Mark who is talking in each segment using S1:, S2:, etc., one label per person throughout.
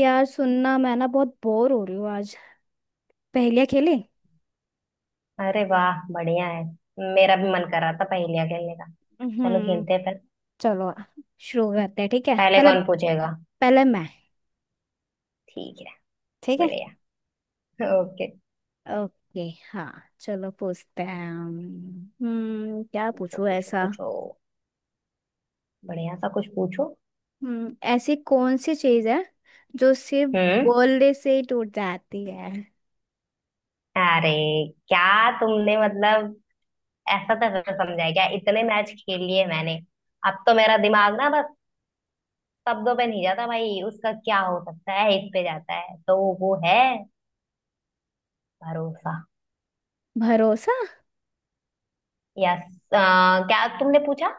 S1: यार, सुनना। मैं ना बहुत बोर हो रही हूँ आज। पहेलियाँ खेले।
S2: अरे वाह बढ़िया है। मेरा भी मन कर रहा था पहेलियाँ खेलने का। चलो
S1: हम्म।
S2: खेलते हैं फिर।
S1: चलो, शुरू करते हैं। ठीक है
S2: पहले
S1: पहले।
S2: कौन पूछेगा?
S1: पहले मैं।
S2: ठीक है।
S1: ठीक है।
S2: बढ़िया। ओके।
S1: ओके। हाँ, चलो पूछते हैं हम। क्या
S2: पूछो
S1: पूछूं
S2: पूछो
S1: ऐसा।
S2: पूछो बढ़िया सा कुछ पूछो।
S1: ऐसी कौन सी चीज है जो सिर्फ
S2: हम्म
S1: बोलने से ही टूट जाती है?
S2: अरे क्या? तुमने मतलब ऐसा तैसा समझा है क्या? इतने मैच खेल लिए मैंने। अब तो मेरा दिमाग ना बस शब्दों पे नहीं जाता भाई, उसका क्या हो सकता है इस पे जाता है, तो वो है भरोसा।
S1: भरोसा।
S2: यस, क्या तुमने पूछा?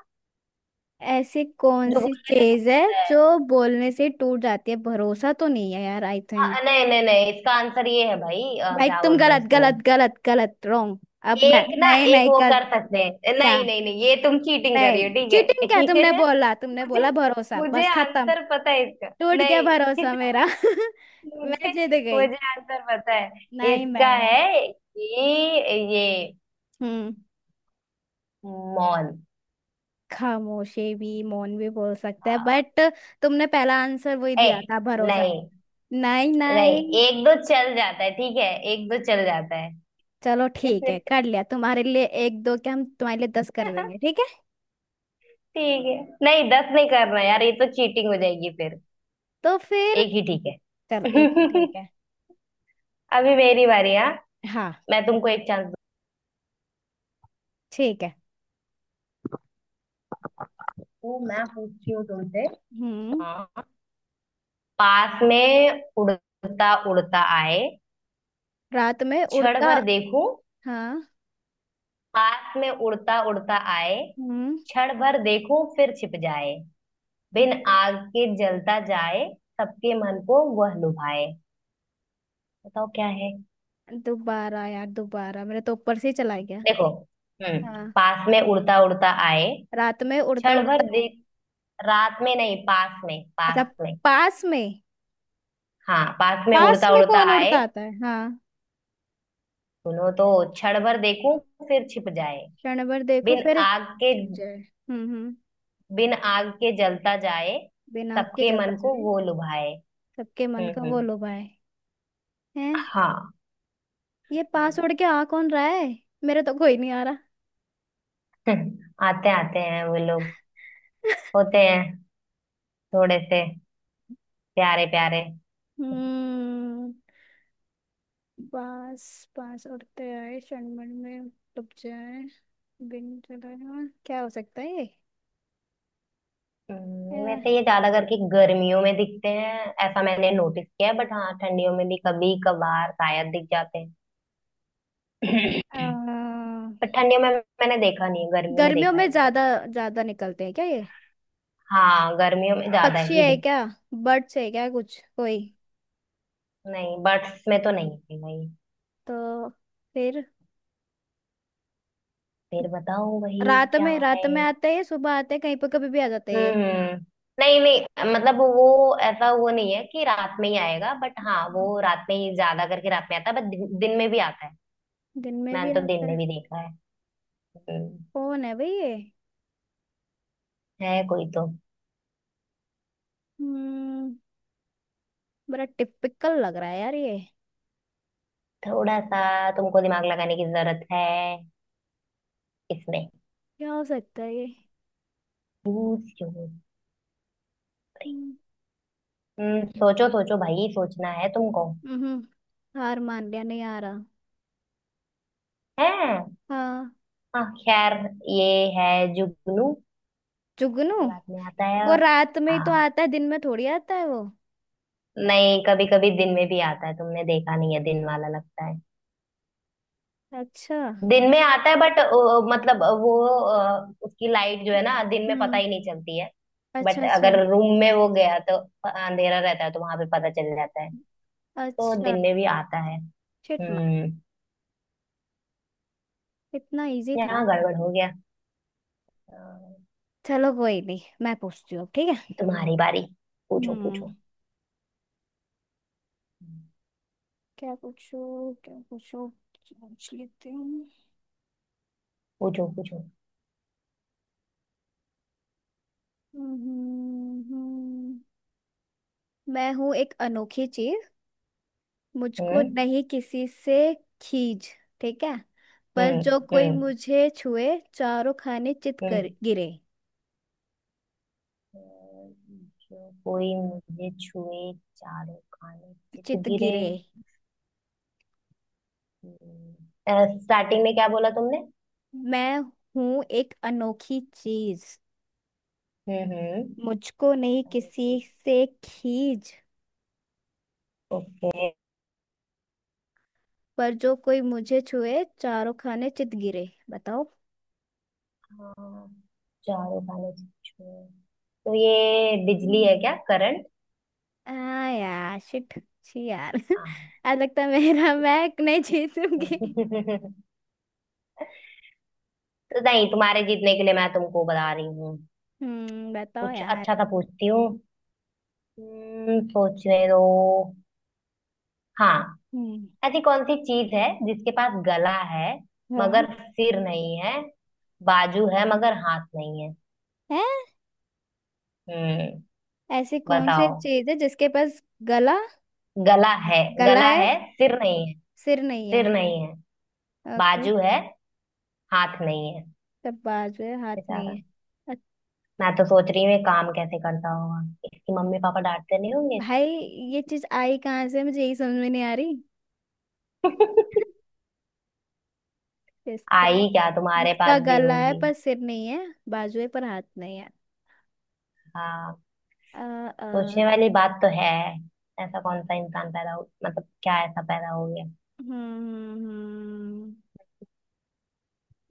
S1: ऐसी कौन
S2: जो
S1: सी
S2: बोल रहे
S1: चीज है
S2: थे।
S1: जो बोलने से ही टूट जाती है? भरोसा तो नहीं है यार, आई थिंक।
S2: हाँ, नहीं नहीं नहीं, इसका आंसर ये है भाई
S1: भाई,
S2: क्या
S1: तुम
S2: बोलते हैं
S1: गलत
S2: उसको।
S1: गलत गलत गलत, रॉन्ग। अब मैं
S2: एक ना
S1: नहीं
S2: एक
S1: नहीं
S2: वो
S1: कर।
S2: कर सकते हैं।
S1: क्या?
S2: नहीं नहीं नहीं, ये तुम चीटिंग कर रही हो,
S1: नहीं,
S2: ठीक
S1: चीटिंग क्या? तुमने
S2: है।
S1: बोला, तुमने
S2: मुझे,
S1: बोला भरोसा,
S2: मुझे
S1: बस खत्म।
S2: आंसर पता है इसका।
S1: टूट गया
S2: नहीं।
S1: भरोसा मेरा। मैं
S2: मुझे,
S1: जीत गई।
S2: मुझे आंसर पता है
S1: नहीं
S2: इसका,
S1: नहीं।
S2: है कि ये
S1: हम्म।
S2: मौन।
S1: खामोशी भी, मौन भी बोल सकते हैं,
S2: हाँ।
S1: बट तुमने पहला आंसर वही
S2: ए,
S1: दिया था, भरोसा।
S2: नहीं
S1: नहीं
S2: नहीं,
S1: नहीं।
S2: एक दो चल जाता है ठीक है। एक दो चल जाता है।
S1: चलो ठीक है, कर लिया। तुम्हारे लिए एक दो के, हम तुम्हारे लिए 10 कर देंगे ठीक है।
S2: ठीक है। नहीं दस नहीं करना यार, ये तो चीटिंग हो जाएगी फिर।
S1: तो फिर।
S2: एक ही ठीक
S1: चलो,
S2: है।
S1: एक है ठीक है।
S2: अभी मेरी बारी है।
S1: हाँ।
S2: मैं तुमको एक चांस
S1: ठीक है।
S2: दूँ, मैं पूछती हूँ तुमसे।
S1: हम्म।
S2: हाँ। पास में उड़ता उड़ता आए,
S1: रात में
S2: क्षण
S1: उड़ता।
S2: भर देखूं।
S1: हाँ।
S2: पास में उड़ता उड़ता आए,
S1: हम्म।
S2: क्षण भर देखूं, फिर छिप जाए। बिन आग के जलता जाए, सबके मन को वह लुभाए। बताओ क्या है।
S1: दोबारा यार, दोबारा। मेरे तो ऊपर से ही चला गया।
S2: देखो। हम्म।
S1: हाँ।
S2: पास में उड़ता उड़ता आए,
S1: रात में उड़ता
S2: क्षण भर
S1: उड़ता है।
S2: देख। रात में नहीं, पास में,
S1: अच्छा।
S2: पास में।
S1: पास में।
S2: हाँ, पास में
S1: पास
S2: उड़ता
S1: में
S2: उड़ता
S1: कौन
S2: आए।
S1: उड़ता आता है? हाँ।
S2: सुनो तो। क्षण भर देखूं, फिर छिप जाए।
S1: क्षण भर देखो,
S2: बिन
S1: फिर
S2: आग के
S1: छिप जाए। हम्म।
S2: बिन आग के जलता जाए,
S1: बिना आग के
S2: सबके
S1: जलता
S2: मन को
S1: जाए।
S2: वो लुभाए।
S1: सबके मन का वो
S2: हम्म।
S1: लुभाए। हैं?
S2: हाँ।
S1: ये पास
S2: हम्म।
S1: उड़ के आ कौन रहा है? मेरे तो कोई नहीं आ रहा।
S2: आते आते हैं वो लोग। होते हैं थोड़े से, प्यारे प्यारे।
S1: हम्म। बांस। बांस उड़ते आए क्षणभर में डूब जाए बिन चलाए। क्या हो सकता है ये? अ,
S2: वैसे ये ज्यादा करके गर्मियों में दिखते हैं। ऐसा मैंने नोटिस किया है, बट हाँ ठंडियों में भी कभी कभार शायद दिख जाते हैं।
S1: अ,
S2: पर ठंडियों में मैंने देखा नहीं है, गर्मियों में
S1: गर्मियों
S2: देखा है
S1: में
S2: इनको।
S1: ज्यादा ज्यादा निकलते हैं क्या ये?
S2: हाँ गर्मियों में ज्यादा
S1: पक्षी
S2: ही
S1: है
S2: दिख।
S1: क्या? बर्ड्स है क्या कुछ कोई?
S2: नहीं, बर्ड्स में तो नहीं है भाई।
S1: तो फिर,
S2: फिर बताओ वही
S1: रात
S2: क्या
S1: में, रात
S2: है।
S1: में आते हैं, सुबह आते हैं, कहीं पर कभी भी आ जाते हैं ये।
S2: हम्म। नहीं नहीं, मतलब वो ऐसा वो नहीं है कि रात में ही आएगा, बट हाँ वो रात में ही ज्यादा करके रात में आता है, बट दिन में भी आता है।
S1: दिन में भी
S2: मैंने तो दिन
S1: आता
S2: में
S1: है?
S2: भी देखा है। हम्म,
S1: कौन है भाई ये?
S2: है कोई तो।
S1: हम्म। बड़ा टिपिकल लग रहा है यार ये।
S2: थोड़ा सा तुमको दिमाग लगाने की जरूरत है इसमें।
S1: क्या हो सकता है ये?
S2: पूछो।
S1: हम्म,
S2: हम्म, सोचो सोचो भाई, सोचना है तुमको।
S1: हम्म, हार मान लिया, नहीं आ रहा।
S2: है।
S1: हाँ।
S2: हाँ खैर, ये है जुगनू।
S1: जुगनू?
S2: रात में आता है।
S1: वो रात में ही तो
S2: हाँ,
S1: आता है, दिन में थोड़ी आता है वो।
S2: नहीं कभी कभी दिन में भी आता है, तुमने देखा नहीं है दिन वाला, लगता है
S1: अच्छा।
S2: दिन में आता है, बट मतलब वो उसकी लाइट जो है ना दिन में पता
S1: हम्म।
S2: ही नहीं चलती है।
S1: अच्छा
S2: बट
S1: अच्छा।
S2: अगर रूम में वो गया तो अंधेरा रहता है तो वहां पे पता चल जाता है। तो
S1: अच्छा।
S2: दिन में भी आता है।
S1: Shit man.
S2: हम्म।
S1: इतना इजी था।
S2: यहाँ गड़बड़ हो गया। अ,
S1: चलो कोई नहीं, मैं पूछती हूँ अब, ठीक है।
S2: तुम्हारी बारी। पूछो पूछो
S1: हम्म। क्या पूछो, क्या पूछो। सोच लेती हूँ।
S2: पूछो पूछो
S1: हम्म, हम्म, हम्म। मैं हूँ एक अनोखी चीज, मुझको
S2: हम्म
S1: नहीं किसी से खींच, ठीक है? पर
S2: हम्म
S1: जो कोई
S2: हम्म
S1: मुझे छुए, चारों खाने चित
S2: हम्म।
S1: कर गिरे।
S2: जो कोई मुझे छुए, चारों खाने चित
S1: चित
S2: गिरे।
S1: गिरे।
S2: स्टार्टिंग में क्या बोला तुमने?
S1: मैं हूं एक अनोखी चीज,
S2: हम्म।
S1: मुझको नहीं किसी से खींच,
S2: ओके।
S1: पर जो कोई मुझे छुए, चारों खाने चित गिरे। बताओ।
S2: हाँ, चारों खाने चित छुए, तो ये बिजली
S1: हम्म।
S2: है क्या, करंट?
S1: आ, यार शिट, छी यार।
S2: हाँ।
S1: आज लगता है मेरा मैं नहीं जीतूंगी।
S2: तो, नहीं तुम्हारे जीतने के लिए मैं तुमको बता रही हूँ,
S1: बताओ
S2: कुछ
S1: यार।
S2: अच्छा सा पूछती हूँ। सोचने दो। हाँ।
S1: हम्म।
S2: ऐसी कौन सी चीज है जिसके पास गला है
S1: हाँ।
S2: मगर सिर नहीं है, बाजू है मगर हाथ नहीं है।
S1: है?
S2: हम्म।
S1: ऐसी कौन सी
S2: बताओ।
S1: चीज है जिसके पास गला,
S2: गला है,
S1: गला
S2: गला
S1: है,
S2: है, सिर नहीं है,
S1: सिर नहीं है?
S2: सिर नहीं है,
S1: ओके।
S2: बाजू है, हाथ नहीं है।
S1: सब बाजू है, हाथ
S2: बेचारा,
S1: नहीं है। अ-
S2: मैं तो सोच रही हूँ ये काम कैसे करता होगा। इसकी मम्मी पापा डांटते नहीं होंगे।
S1: भाई, ये चीज आई कहाँ से, मुझे यही समझ में नहीं आ रही। जिसका
S2: आई, क्या तुम्हारे
S1: जिसका
S2: पास भी
S1: गला है
S2: होगी?
S1: पर सिर नहीं है, बाजू है पर हाथ नहीं है।
S2: हाँ,
S1: अ अ
S2: सोचने वाली बात तो है। ऐसा कौन सा इंसान पैदा हो, मतलब क्या ऐसा पैदा हो गया।
S1: हम्म हम्म, हम्म।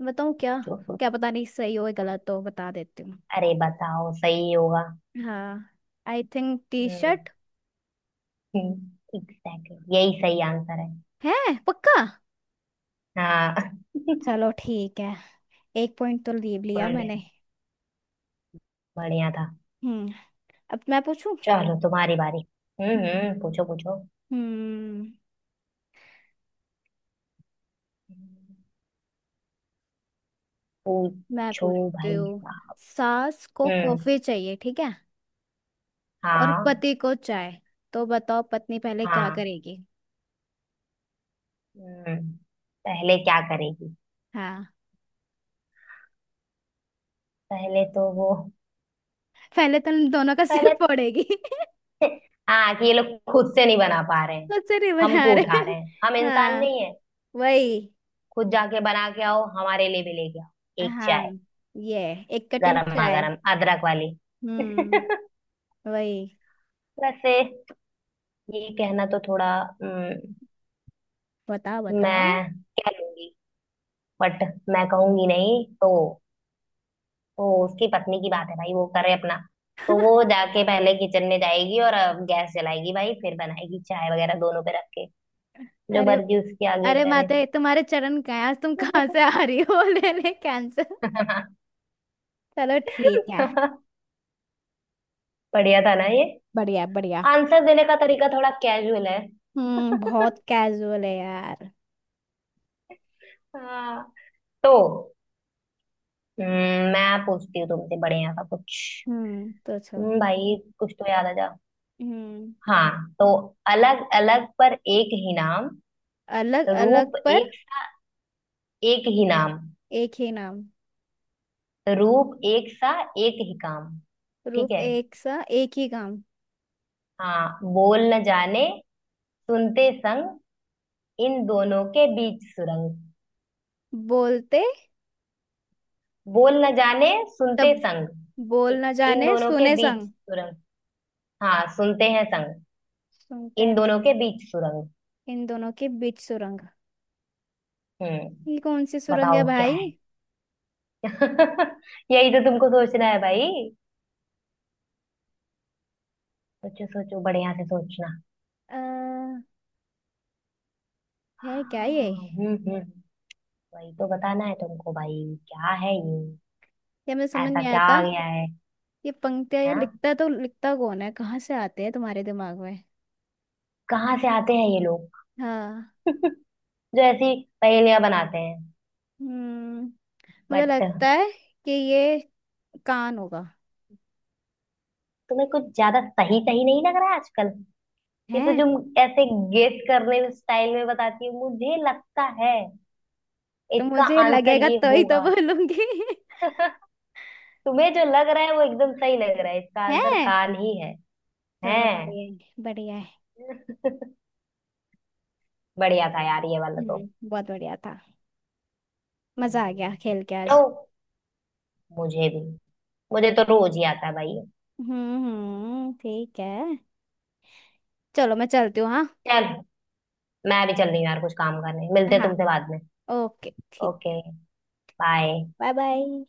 S1: बताऊँ क्या?
S2: सोचो
S1: क्या
S2: सोचो।
S1: पता नहीं, सही हो या गलत हो, बता देती हूँ।
S2: अरे बताओ, सही होगा।
S1: हाँ। I think T shirt.
S2: Hmm, exactly यही सही आंसर है।
S1: है? पक्का?
S2: हाँ।
S1: चलो ठीक है। एक पॉइंट तो लीव लिया
S2: बढ़िया,
S1: मैंने।
S2: बढ़िया था।
S1: हम्म। अब मैं पूछूं।
S2: चलो तुम्हारी बारी। हम्म,
S1: हम्म।
S2: पूछो पूछो
S1: हम्म मैं
S2: पूछो
S1: पूछती
S2: भाई
S1: हूँ।
S2: साहब।
S1: सास को
S2: हम्म।
S1: कॉफी चाहिए ठीक है, और
S2: हाँ।
S1: पति को चाय, तो बताओ पत्नी पहले क्या
S2: हाँ।
S1: करेगी?
S2: हम्म, पहले क्या करेगी?
S1: हाँ।
S2: पहले तो वो,
S1: पहले तो उन दोनों का सिर
S2: पहले,
S1: फोड़ेगी।
S2: हाँ कि ये लोग खुद से नहीं बना पा रहे हैं,
S1: मुझसे नहीं बना
S2: हमको
S1: रहे।
S2: उठा रहे हैं, हम इंसान
S1: हाँ,
S2: नहीं है।
S1: वही।
S2: खुद जाके बना के आओ, हमारे लिए भी लेके आओ एक
S1: हाँ।
S2: चाय,
S1: ये एक कटिंग
S2: गरमा
S1: चाय।
S2: गरम अदरक वाली।
S1: हम्म। वही।
S2: वैसे ये कहना तो थोड़ा, हम्म,
S1: बताओ बताओ।
S2: मैं कह लूंगी बट मैं कहूंगी नहीं। तो तो उसकी पत्नी की बात है भाई, वो करे अपना। तो वो जाके पहले किचन में जाएगी और गैस जलाएगी भाई, फिर बनाएगी चाय वगैरह दोनों पे रख के। जो
S1: अरे,
S2: मर्जी उसके आगे
S1: अरे
S2: करे।
S1: माते, तुम्हारे चरण कहाँ हैं? आज तुम कहाँ से आ रही हो? ले ले कैंसर। चलो ठीक है।
S2: बढ़िया था ना ये?
S1: बढ़िया बढ़िया।
S2: आंसर देने का तरीका थोड़ा कैजुअल है।
S1: बहुत कैजुअल है यार।
S2: हाँ तो, मैं पूछती हूँ तुमसे बढ़िया सा कुछ।
S1: तो छो।
S2: भाई कुछ तो याद आ जा।
S1: हम्म।
S2: हाँ तो, अलग अलग पर एक ही नाम,
S1: अलग अलग
S2: रूप
S1: पर
S2: एक सा, एक ही नाम,
S1: एक ही नाम,
S2: रूप एक सा, एक ही काम। ठीक
S1: रूप
S2: है।
S1: एक सा, एक ही काम।
S2: हाँ, बोल न जाने, सुनते संग, इन दोनों के बीच सुरंग।
S1: बोलते।
S2: बोल न जाने सुनते
S1: तब
S2: संग,
S1: बोल
S2: इ-
S1: न
S2: इन
S1: जाने
S2: दोनों के
S1: सुने
S2: बीच
S1: संग,
S2: सुरंग। हाँ सुनते हैं संग,
S1: सुनते
S2: इन
S1: हैं संग,
S2: दोनों के बीच सुरंग।
S1: इन दोनों के बीच सुरंग।
S2: हम्म।
S1: ये कौन सी सुरंग है
S2: बताओ क्या
S1: भाई?
S2: है। यही तो तुमको सोचना है भाई। सोचो सोचो, बढ़िया से सोचना।
S1: आ, है क्या
S2: हाँ,
S1: ये?
S2: हम्म। वही तो बताना है तुमको भाई, क्या है ये,
S1: ये मुझे समझ
S2: ऐसा
S1: नहीं
S2: क्या आ
S1: आता।
S2: गया है।
S1: ये पंक्तियां ये
S2: हाँ,
S1: लिखता तो लिखता कौन है, कहाँ से आते हैं तुम्हारे दिमाग में?
S2: कहाँ से आते हैं ये लोग
S1: हाँ।
S2: जो ऐसी पहेलियां बनाते हैं।
S1: हम्म। मुझे
S2: बट
S1: लगता है कि ये कान होगा।
S2: तुम्हें कुछ ज्यादा सही सही नहीं लग रहा है आजकल, ये तो
S1: है?
S2: तुम ऐसे गेस करने में स्टाइल में बताती हो, मुझे लगता है
S1: तो
S2: इसका
S1: मुझे
S2: आंसर
S1: लगेगा
S2: ये
S1: तो ही तो
S2: होगा।
S1: बोलूंगी।
S2: तुम्हें जो लग रहा है वो एकदम सही लग रहा है, इसका आंसर
S1: है।
S2: कान ही है।
S1: चलो,
S2: हैं,
S1: बढ़िया है, बढ़िया है।
S2: बढ़िया था यार ये वाला तो।
S1: बहुत बढ़िया था। मजा आ गया
S2: हम्म,
S1: खेल के आज।
S2: तो मुझे भी, मुझे तो रोज ही आता है भाई।
S1: ठीक है। चलो मैं चलती हूँ, हाँ।
S2: चल मैं भी चल रही हूँ यार, कुछ काम करने। मिलते हैं
S1: हाँ।
S2: तुमसे बाद में।
S1: ओके, ठीक।
S2: ओके। बाय।
S1: Bye bye.